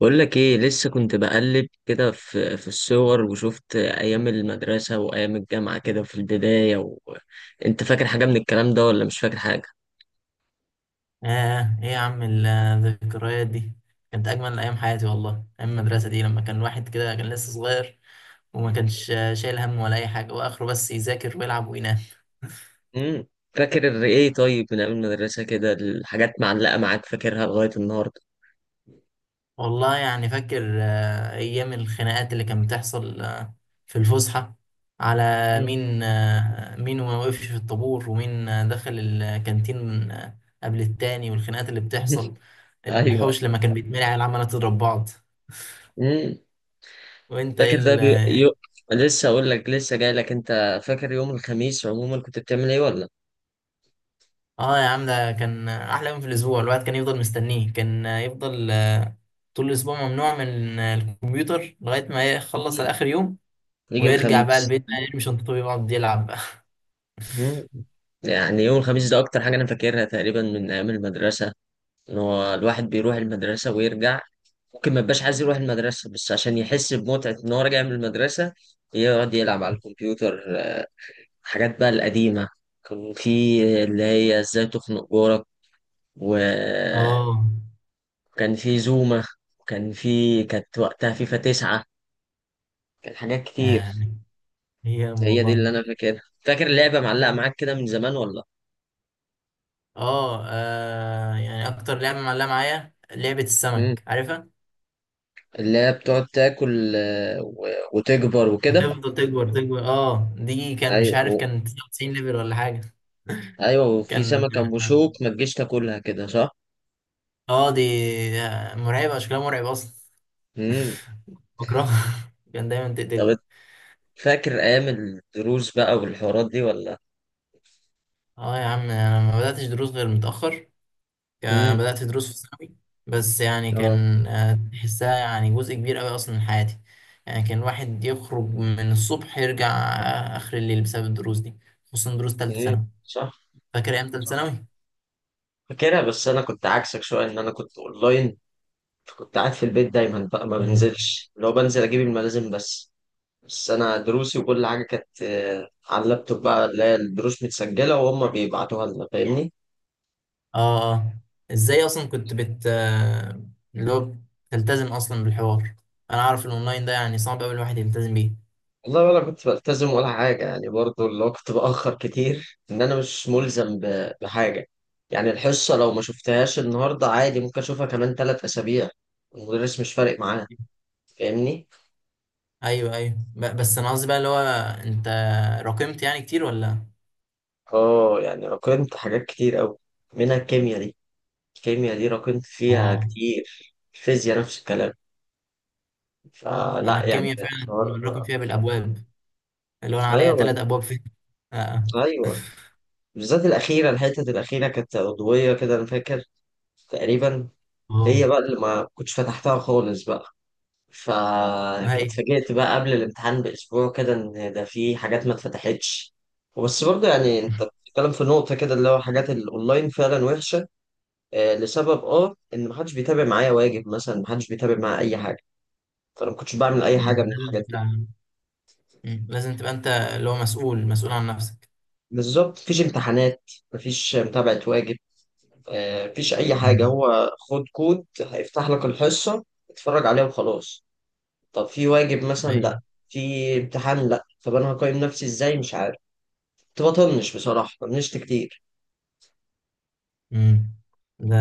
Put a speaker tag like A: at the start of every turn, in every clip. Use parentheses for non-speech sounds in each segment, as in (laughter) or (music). A: بقول لك ايه، لسه كنت بقلب كده في الصور، وشفت ايام المدرسة وايام الجامعة كده في البداية. انت فاكر حاجة من الكلام ده ولا مش فاكر حاجة؟
B: آه إيه يا عم الذكريات دي كانت أجمل أيام حياتي والله. أيام المدرسة دي، لما كان واحد كده، كان لسه صغير وما كانش شايل هم ولا أي حاجة، وآخره بس يذاكر ويلعب وينام.
A: امم فاكر ايه؟ طيب، من ايام المدرسة كده الحاجات معلقة معاك فاكرها لغاية النهاردة؟
B: والله يعني فاكر أيام الخناقات اللي كانت بتحصل في الفسحة، على
A: مم.
B: مين ما وقفش في الطابور، ومين دخل الكانتين قبل التاني، والخناقات اللي
A: (laughs)
B: بتحصل
A: ايوه.
B: الحوش لما كان بيتمرع العمالة تضرب بعض. (laughs)
A: امم
B: وانت
A: فاكر ده بي... يو...
B: ايه؟
A: لسه اقول لك، لسه جاي لك. انت فاكر يوم الخميس عموما كنت بتعمل ايه ولا؟
B: اه يا عم، ده كان احلى يوم في الاسبوع. الواحد كان يفضل مستنيه، كان يفضل طول الاسبوع ممنوع من الكمبيوتر لغايه ما يخلص
A: مم.
B: على اخر يوم،
A: يجي
B: ويرجع بقى
A: الخميس.
B: البيت بقى يرمي شنطته ويقعد يلعب بقى.
A: مم.
B: (laughs)
A: يعني يوم الخميس ده اكتر حاجة انا فاكرها تقريبا من ايام المدرسة. ان هو الواحد بيروح المدرسة ويرجع، ممكن ما يبقاش عايز يروح المدرسة بس عشان يحس بمتعة ان هو راجع من المدرسة، يقعد يلعب على الكمبيوتر. حاجات بقى القديمة. كان في اللي هي ازاي تخنق جارك، وكان
B: اه
A: في زوما، وكان في كانت وقتها فيفا 9. كان حاجات كتير.
B: يعني. هي
A: هي دي
B: والله
A: اللي انا فاكرها. فاكر اللعبة معلقة معاك كده من زمان ولا؟
B: اه يعني اكتر لعبه معلقه معايا لعبه
A: مم.
B: السمك، عارفها؟
A: اللي هي بتقعد تاكل، وتكبر وكده.
B: بتفضل تكبر تكبر، اه دي كان، مش عارف،
A: ايوه،
B: كان 99 ليفل ولا حاجه.
A: ايوه،
B: (laughs)
A: وفي
B: كان،
A: سمكة ام بشوك ما تجيش تاكلها كده صح؟
B: اه دي مرعبه، شكلها مرعب اصلا.
A: امم
B: بكرهها. (laughs) كان دايما
A: طب
B: تقتلني.
A: فاكر ايام الدروس بقى والحوارات دي ولا؟
B: اه يا عم، انا ما بداتش دروس غير متاخر، كان
A: امم،
B: بدات دروس في ثانوي. بس يعني
A: اه،
B: كان تحسها يعني جزء كبير قوي اصلا من حياتي. يعني كان الواحد يخرج من الصبح يرجع اخر الليل بسبب الدروس دي، خصوصا دروس ثالثه
A: امم،
B: ثانوي.
A: صح.
B: فاكر ايام ثالثه ثانوي؟
A: فاكرها، بس انا كنت عكسك شوية ان انا كنت اونلاين. كنت قاعد في البيت دايما بقى، ما
B: مم.
A: بنزلش، لو بنزل اجيب الملازم بس. بس انا دروسي وكل حاجة كانت، على اللابتوب بقى، اللي هي الدروس متسجلة وهم بيبعتوها لنا، فاهمني؟
B: اه اه. ازاي اصلا كنت بت آه، اللي هو بتلتزم اصلا بالحوار؟ انا عارف الاونلاين ده يعني صعب قوي الواحد يلتزم بيه.
A: والله ولا كنت بلتزم ولا حاجة، يعني برضو اللي هو كنت بأخر كتير إن أنا مش ملزم بحاجة. يعني الحصة لو ما شفتهاش النهاردة عادي، ممكن أشوفها كمان 3 أسابيع، المدرس مش فارق معاه، فاهمني؟
B: ايوه ايوه، بس انا قصدي بقى اللي هو، انت راكمت يعني كتير ولا؟
A: آه، يعني راكمت حاجات كتير أوي، منها الكيمياء دي. الكيمياء دي راكمت فيها
B: اه،
A: كتير، الفيزياء نفس الكلام.
B: انا
A: فلا يعني.
B: الكيمياء فعلا
A: حوار.
B: كنا بنراكم فيها بالابواب، اللي هو انا عليا
A: أيوه.
B: ثلاث ابواب فيها. اه
A: أيوه، بالذات الأخيرة، الحتة الأخيرة كانت عضوية كده أنا فاكر تقريبا. هي
B: اه.
A: بقى اللي ما كنتش فتحتها خالص بقى،
B: (laughs) هي.
A: فاتفاجئت بقى قبل الامتحان بأسبوع كده إن ده في حاجات ما اتفتحتش. بس برضه يعني أنت بتتكلم في نقطة كده، اللي هو حاجات الأونلاين فعلا وحشة. آه، لسبب أه إن محدش بيتابع معايا واجب مثلا، محدش بيتابع معايا أي حاجة، فأنا ما كنتش بعمل أي حاجة
B: مم.
A: من
B: لازم
A: الحاجات دي.
B: تبقى مم. لازم تبقى انت اللي هو مسؤول مسؤول عن نفسك.
A: بالظبط، مفيش امتحانات، مفيش متابعة واجب، آه مفيش أي حاجة،
B: مم.
A: هو خد كود هيفتح لك الحصة، اتفرج عليها وخلاص. طب في واجب مثلا؟
B: ايوه.
A: لا. في امتحان؟ لا. طب انا هقيم نفسي ازاي؟ مش عارف. كنت بطنش بصراحه، طنشت كتير.
B: مم. ده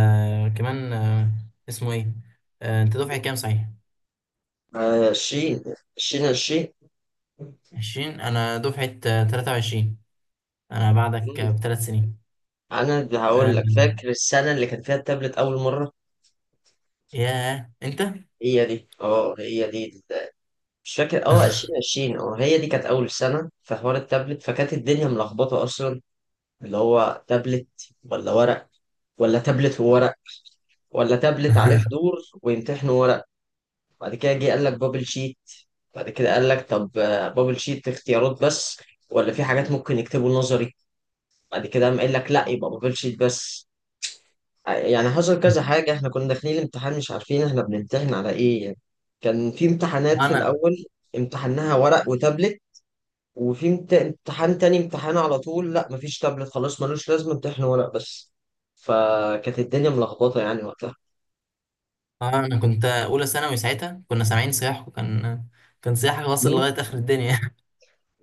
B: كمان اسمه ايه، انت دفعة كام صحيح؟
A: 20. 20، عشرين.
B: 20. انا دفعة 23، انا بعدك ب3 سنين.
A: انا اللي هقول لك، فاكر
B: آه،
A: السنه اللي كان فيها التابلت اول مره؟
B: ياه انت.
A: هي دي. اه، هي دي. مش فاكر،
B: (laughs)
A: 2020، اه هي دي كانت اول سنه في حوار التابلت، فكانت الدنيا ملخبطه اصلا. اللي هو تابلت ولا ورق، ولا تابلت وورق، ولا تابلت عليه
B: (laughs)
A: حضور ويمتحنوا ورق. بعد كده جه قال لك بابل شيت، بعد كده قال لك طب، بابل شيت اختيارات بس، ولا في حاجات ممكن يكتبوا نظري. بعد كده قام قال لك لا، يبقى بابل شيت بس. يعني حصل كذا حاجة، احنا كنا داخلين الامتحان مش عارفين احنا بنمتحن على ايه يعني. كان في امتحانات في
B: انا
A: الأول امتحناها ورق وتابلت، وفي امتحان تاني، امتحان على طول لا مفيش تابلت خلاص ملوش لازمة، امتحن ورق بس. فكانت الدنيا ملخبطة يعني وقتها.
B: انا كنت اولى ثانوي ساعتها، كنا سامعين صياح، وكان صياحك واصل لغايه اخر الدنيا. (laughs)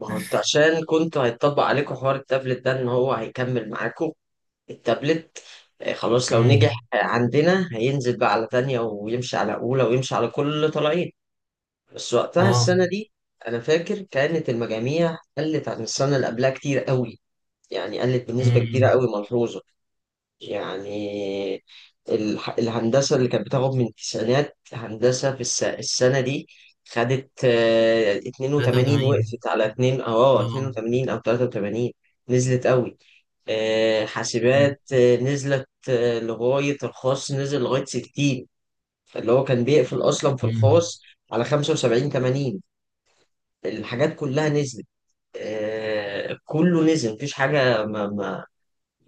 A: ما هو انتوا عشان كنتوا هيتطبق عليكم حوار التابلت ده، ان هو هيكمل معاكم التابلت. خلاص، لو نجح
B: امم.
A: عندنا هينزل بقى على تانية ويمشي على أولى ويمشي على كل اللي طالعين. بس وقتها
B: اه.
A: السنة دي أنا فاكر كانت المجاميع قلت عن السنة اللي قبلها كتير قوي. يعني قلت بنسبة كبيرة
B: امم.
A: قوي ملحوظة. يعني الهندسة اللي كانت بتاخد من التسعينات هندسة، في السنة دي خدت، 82،
B: 83.
A: وقفت على 2، أو اه
B: اه.
A: 82 أو 83. نزلت قوي.
B: امم.
A: حاسبات نزلت لغاية الخاص نزل لغاية 60. فاللي هو كان بيقفل أصلا في
B: أمم.
A: الخاص على 75، 80. الحاجات كلها نزلت. كله نزل مفيش حاجة.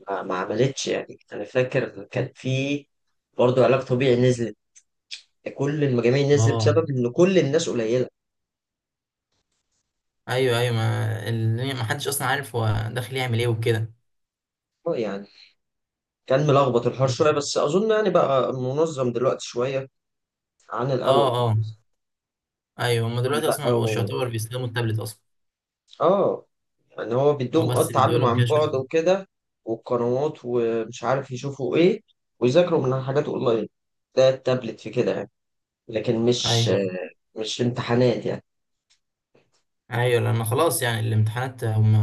A: ما عملتش، يعني انا فاكر كان في برضه علاج طبيعي نزلت. كل المجاميع نزلت
B: اه
A: بسبب ان كل الناس قليله.
B: ايوه ايوه، ما اللي ما حدش اصلا عارف هو داخل يعمل ايه وكده.
A: يعني كان ملخبط الحوار شويه، بس اظن يعني بقى منظم دلوقتي شويه عن
B: اه
A: الاول.
B: اه. ايوه هم
A: يعني
B: دلوقتي اصلا
A: بقى
B: ما بقوش
A: و...
B: يعتبر بيستخدموا التابلت اصلا،
A: اه، يعني هو
B: هو
A: بيدوم اه
B: بس بيدوا
A: التعلم
B: لهم
A: عن
B: كده
A: بعد
B: شويه.
A: وكده، والقنوات ومش عارف يشوفوا ايه ويذاكروا من حاجات اونلاين، ده التابلت في كده يعني. لكن مش
B: ايوه
A: مش امتحانات يعني.
B: ايوه، لان خلاص يعني الامتحانات هم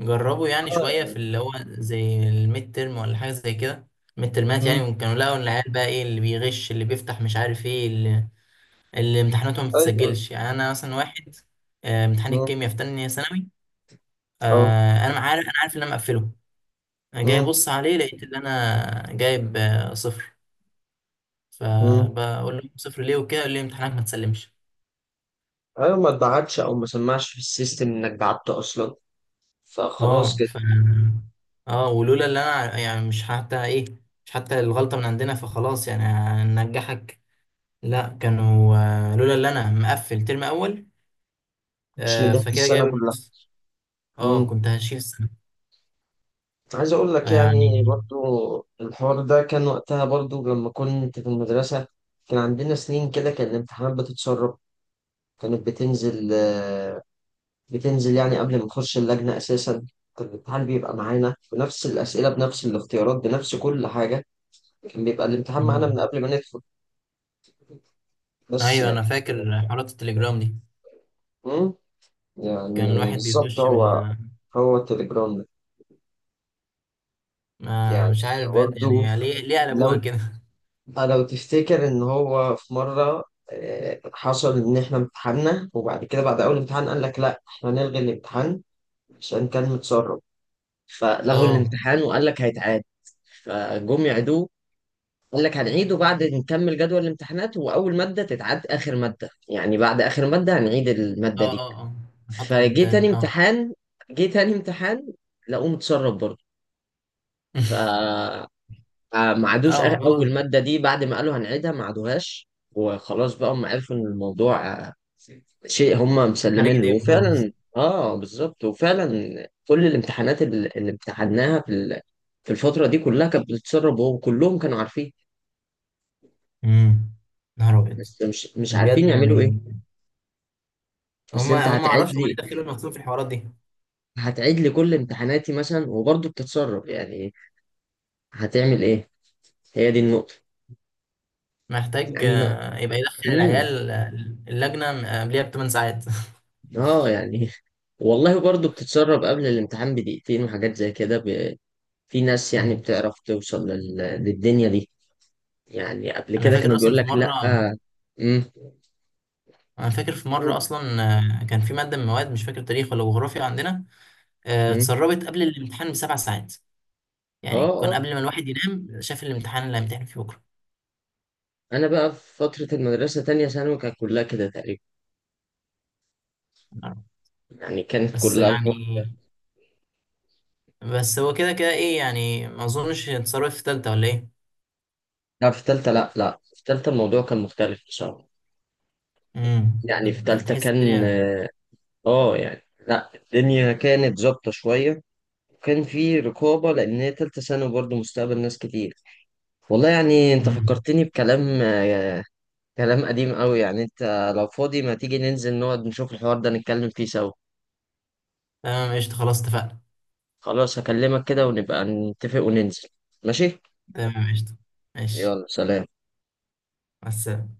B: جربوا يعني
A: اه
B: شوية في
A: يعني.
B: اللي هو زي الميد ترم ولا حاجة زي كده. ميد ترمات يعني،
A: مم.
B: وكانوا لقوا العيال بقى ايه اللي بيغش اللي بيفتح مش عارف ايه اللي, اللي امتحاناته ما
A: ايوه. أيوة.
B: بتتسجلش. يعني انا مثلا واحد، امتحان
A: مم.
B: الكيمياء في تانية ثانوي،
A: اه.
B: انا عارف انا عارف ان انا مقفله. انا جاي
A: مم.
B: ابص عليه لقيت ان انا جايب صفر.
A: مم.
B: فبقول له صفر ليه وكده، قال لي امتحانك ما تسلمش.
A: ايوه، ما اتبعتش او ما سمعش في السيستم انك بعت اصلا، فخلاص
B: اه
A: كده
B: اه، ولولا اللي انا يعني مش حتى ايه، مش حتى الغلطة من عندنا، فخلاص يعني هننجحك؟ لا. كانوا لولا اللي انا مقفل ترم اول
A: مش نجحت
B: فكده جايب
A: السنه كلها.
B: النص، اه
A: امم،
B: كنت هشيل السنه.
A: عايز اقول لك يعني
B: فيعني.
A: برضو الحوار ده كان وقتها برضو لما كنت في المدرسه. كان عندنا سنين كده كان الامتحانات بتتسرب، كانت بتنزل، بتنزل يعني قبل ما نخش اللجنه اساسا. كان الامتحان بيبقى معانا بنفس الاسئله بنفس الاختيارات بنفس كل حاجه، كان بيبقى الامتحان معانا
B: مم.
A: من قبل ما ندخل. بس
B: ايوه
A: يعني.
B: انا فاكر حوارات التليجرام دي،
A: امم.
B: كان
A: يعني
B: الواحد
A: بالظبط
B: بيخش
A: هو. هو التليجرام.
B: ما،
A: يعني
B: مش عارف بجد
A: برضه،
B: يعني ليه قلبوها
A: لو
B: كده. (laughs)
A: لو تفتكر ان هو في مرة، حصل ان احنا امتحنا، وبعد كده بعد اول امتحان قال لك لا احنا هنلغي الامتحان عشان كان متسرب. فلغوا
B: اه
A: الامتحان وقال لك هيتعاد. فجم يعيدوه، قال لك هنعيده بعد نكمل جدول الامتحانات، واول ماده تتعاد اخر ماده، يعني بعد اخر ماده هنعيد
B: اه
A: الماده دي.
B: اه اه. نحط مادة
A: فجه تاني
B: تاني اه.
A: امتحان، جه تاني امتحان، لقوه متسرب برضه. ف
B: (laughs)
A: فما عادوش
B: اه خلاص،
A: اول ماده دي، بعد ما قالوا هنعيدها ما عادوهاش وخلاص. بقى هم عرفوا ان الموضوع، شيء هم
B: خارج
A: مسلمين له.
B: ايديهم خلاص.
A: وفعلا اه، بالظبط، وفعلا كل الامتحانات اللي امتحناها في في الفتره دي كلها كانت بتتسرب، وهو كلهم كانوا عارفين.
B: امم. نهار ابيض.
A: بس مش عارفين
B: بجد
A: يعملوا ايه.
B: يعني
A: اصل
B: هم
A: انت
B: هم ما
A: هتعيد
B: اعرفش هم ليه
A: لي،
B: دخلوا نفسهم في الحوارات دي.
A: هتعيد لي كل امتحاناتي مثلا وبرضه بتتسرب يعني، هتعمل ايه؟ هي دي النقطه.
B: محتاج
A: يعني ما.
B: يبقى يدخل
A: مم.
B: العيال اللجنة قبليها ب8 ساعات. (laughs)
A: اه يعني، والله برضو بتتسرب قبل الامتحان بدقيقتين وحاجات زي كده. في ناس يعني بتعرف توصل للدنيا دي. يعني قبل
B: أنا
A: كده
B: فاكر
A: كانوا
B: أصلا
A: بيقول
B: في
A: لك لا.
B: مرة
A: امم.
B: أنا فاكر في مرة
A: قول.
B: أصلا، كان في مادة من المواد مش فاكر تاريخ ولا جغرافيا عندنا،
A: امم.
B: اتسربت قبل الامتحان ب7 ساعات.
A: اه،
B: يعني كان
A: اه.
B: قبل ما الواحد ينام شاف الامتحان اللي هيمتحن فيه بكرة.
A: انا بقى في فترة المدرسة تانية ثانوي كانت كلها كده تقريبا، يعني كانت
B: بس
A: كلها الحوار.
B: يعني، بس هو كده كده إيه يعني، ما أظنش اتسربت في تالتة ولا إيه؟
A: لا في تالتة، لا لا، في تالتة الموضوع كان مختلف بصراحة. يعني في
B: امم.
A: تالتة
B: تحس
A: كان
B: الدنيا.
A: اه يعني لا، الدنيا كانت ظابطة شوية، وكان في رقابة لأن هي تالتة ثانوي برضه مستقبل ناس كتير. والله يعني انت
B: امم.
A: فكرتني بكلام، كلام قديم قوي. يعني انت لو فاضي ما تيجي ننزل نقعد نشوف الحوار ده نتكلم فيه سوا؟
B: تمام قشطة خلاص اتفقنا.
A: خلاص هكلمك كده ونبقى نتفق وننزل. ماشي.
B: تمام قشطة. ماشي.
A: يلا سلام.
B: بس.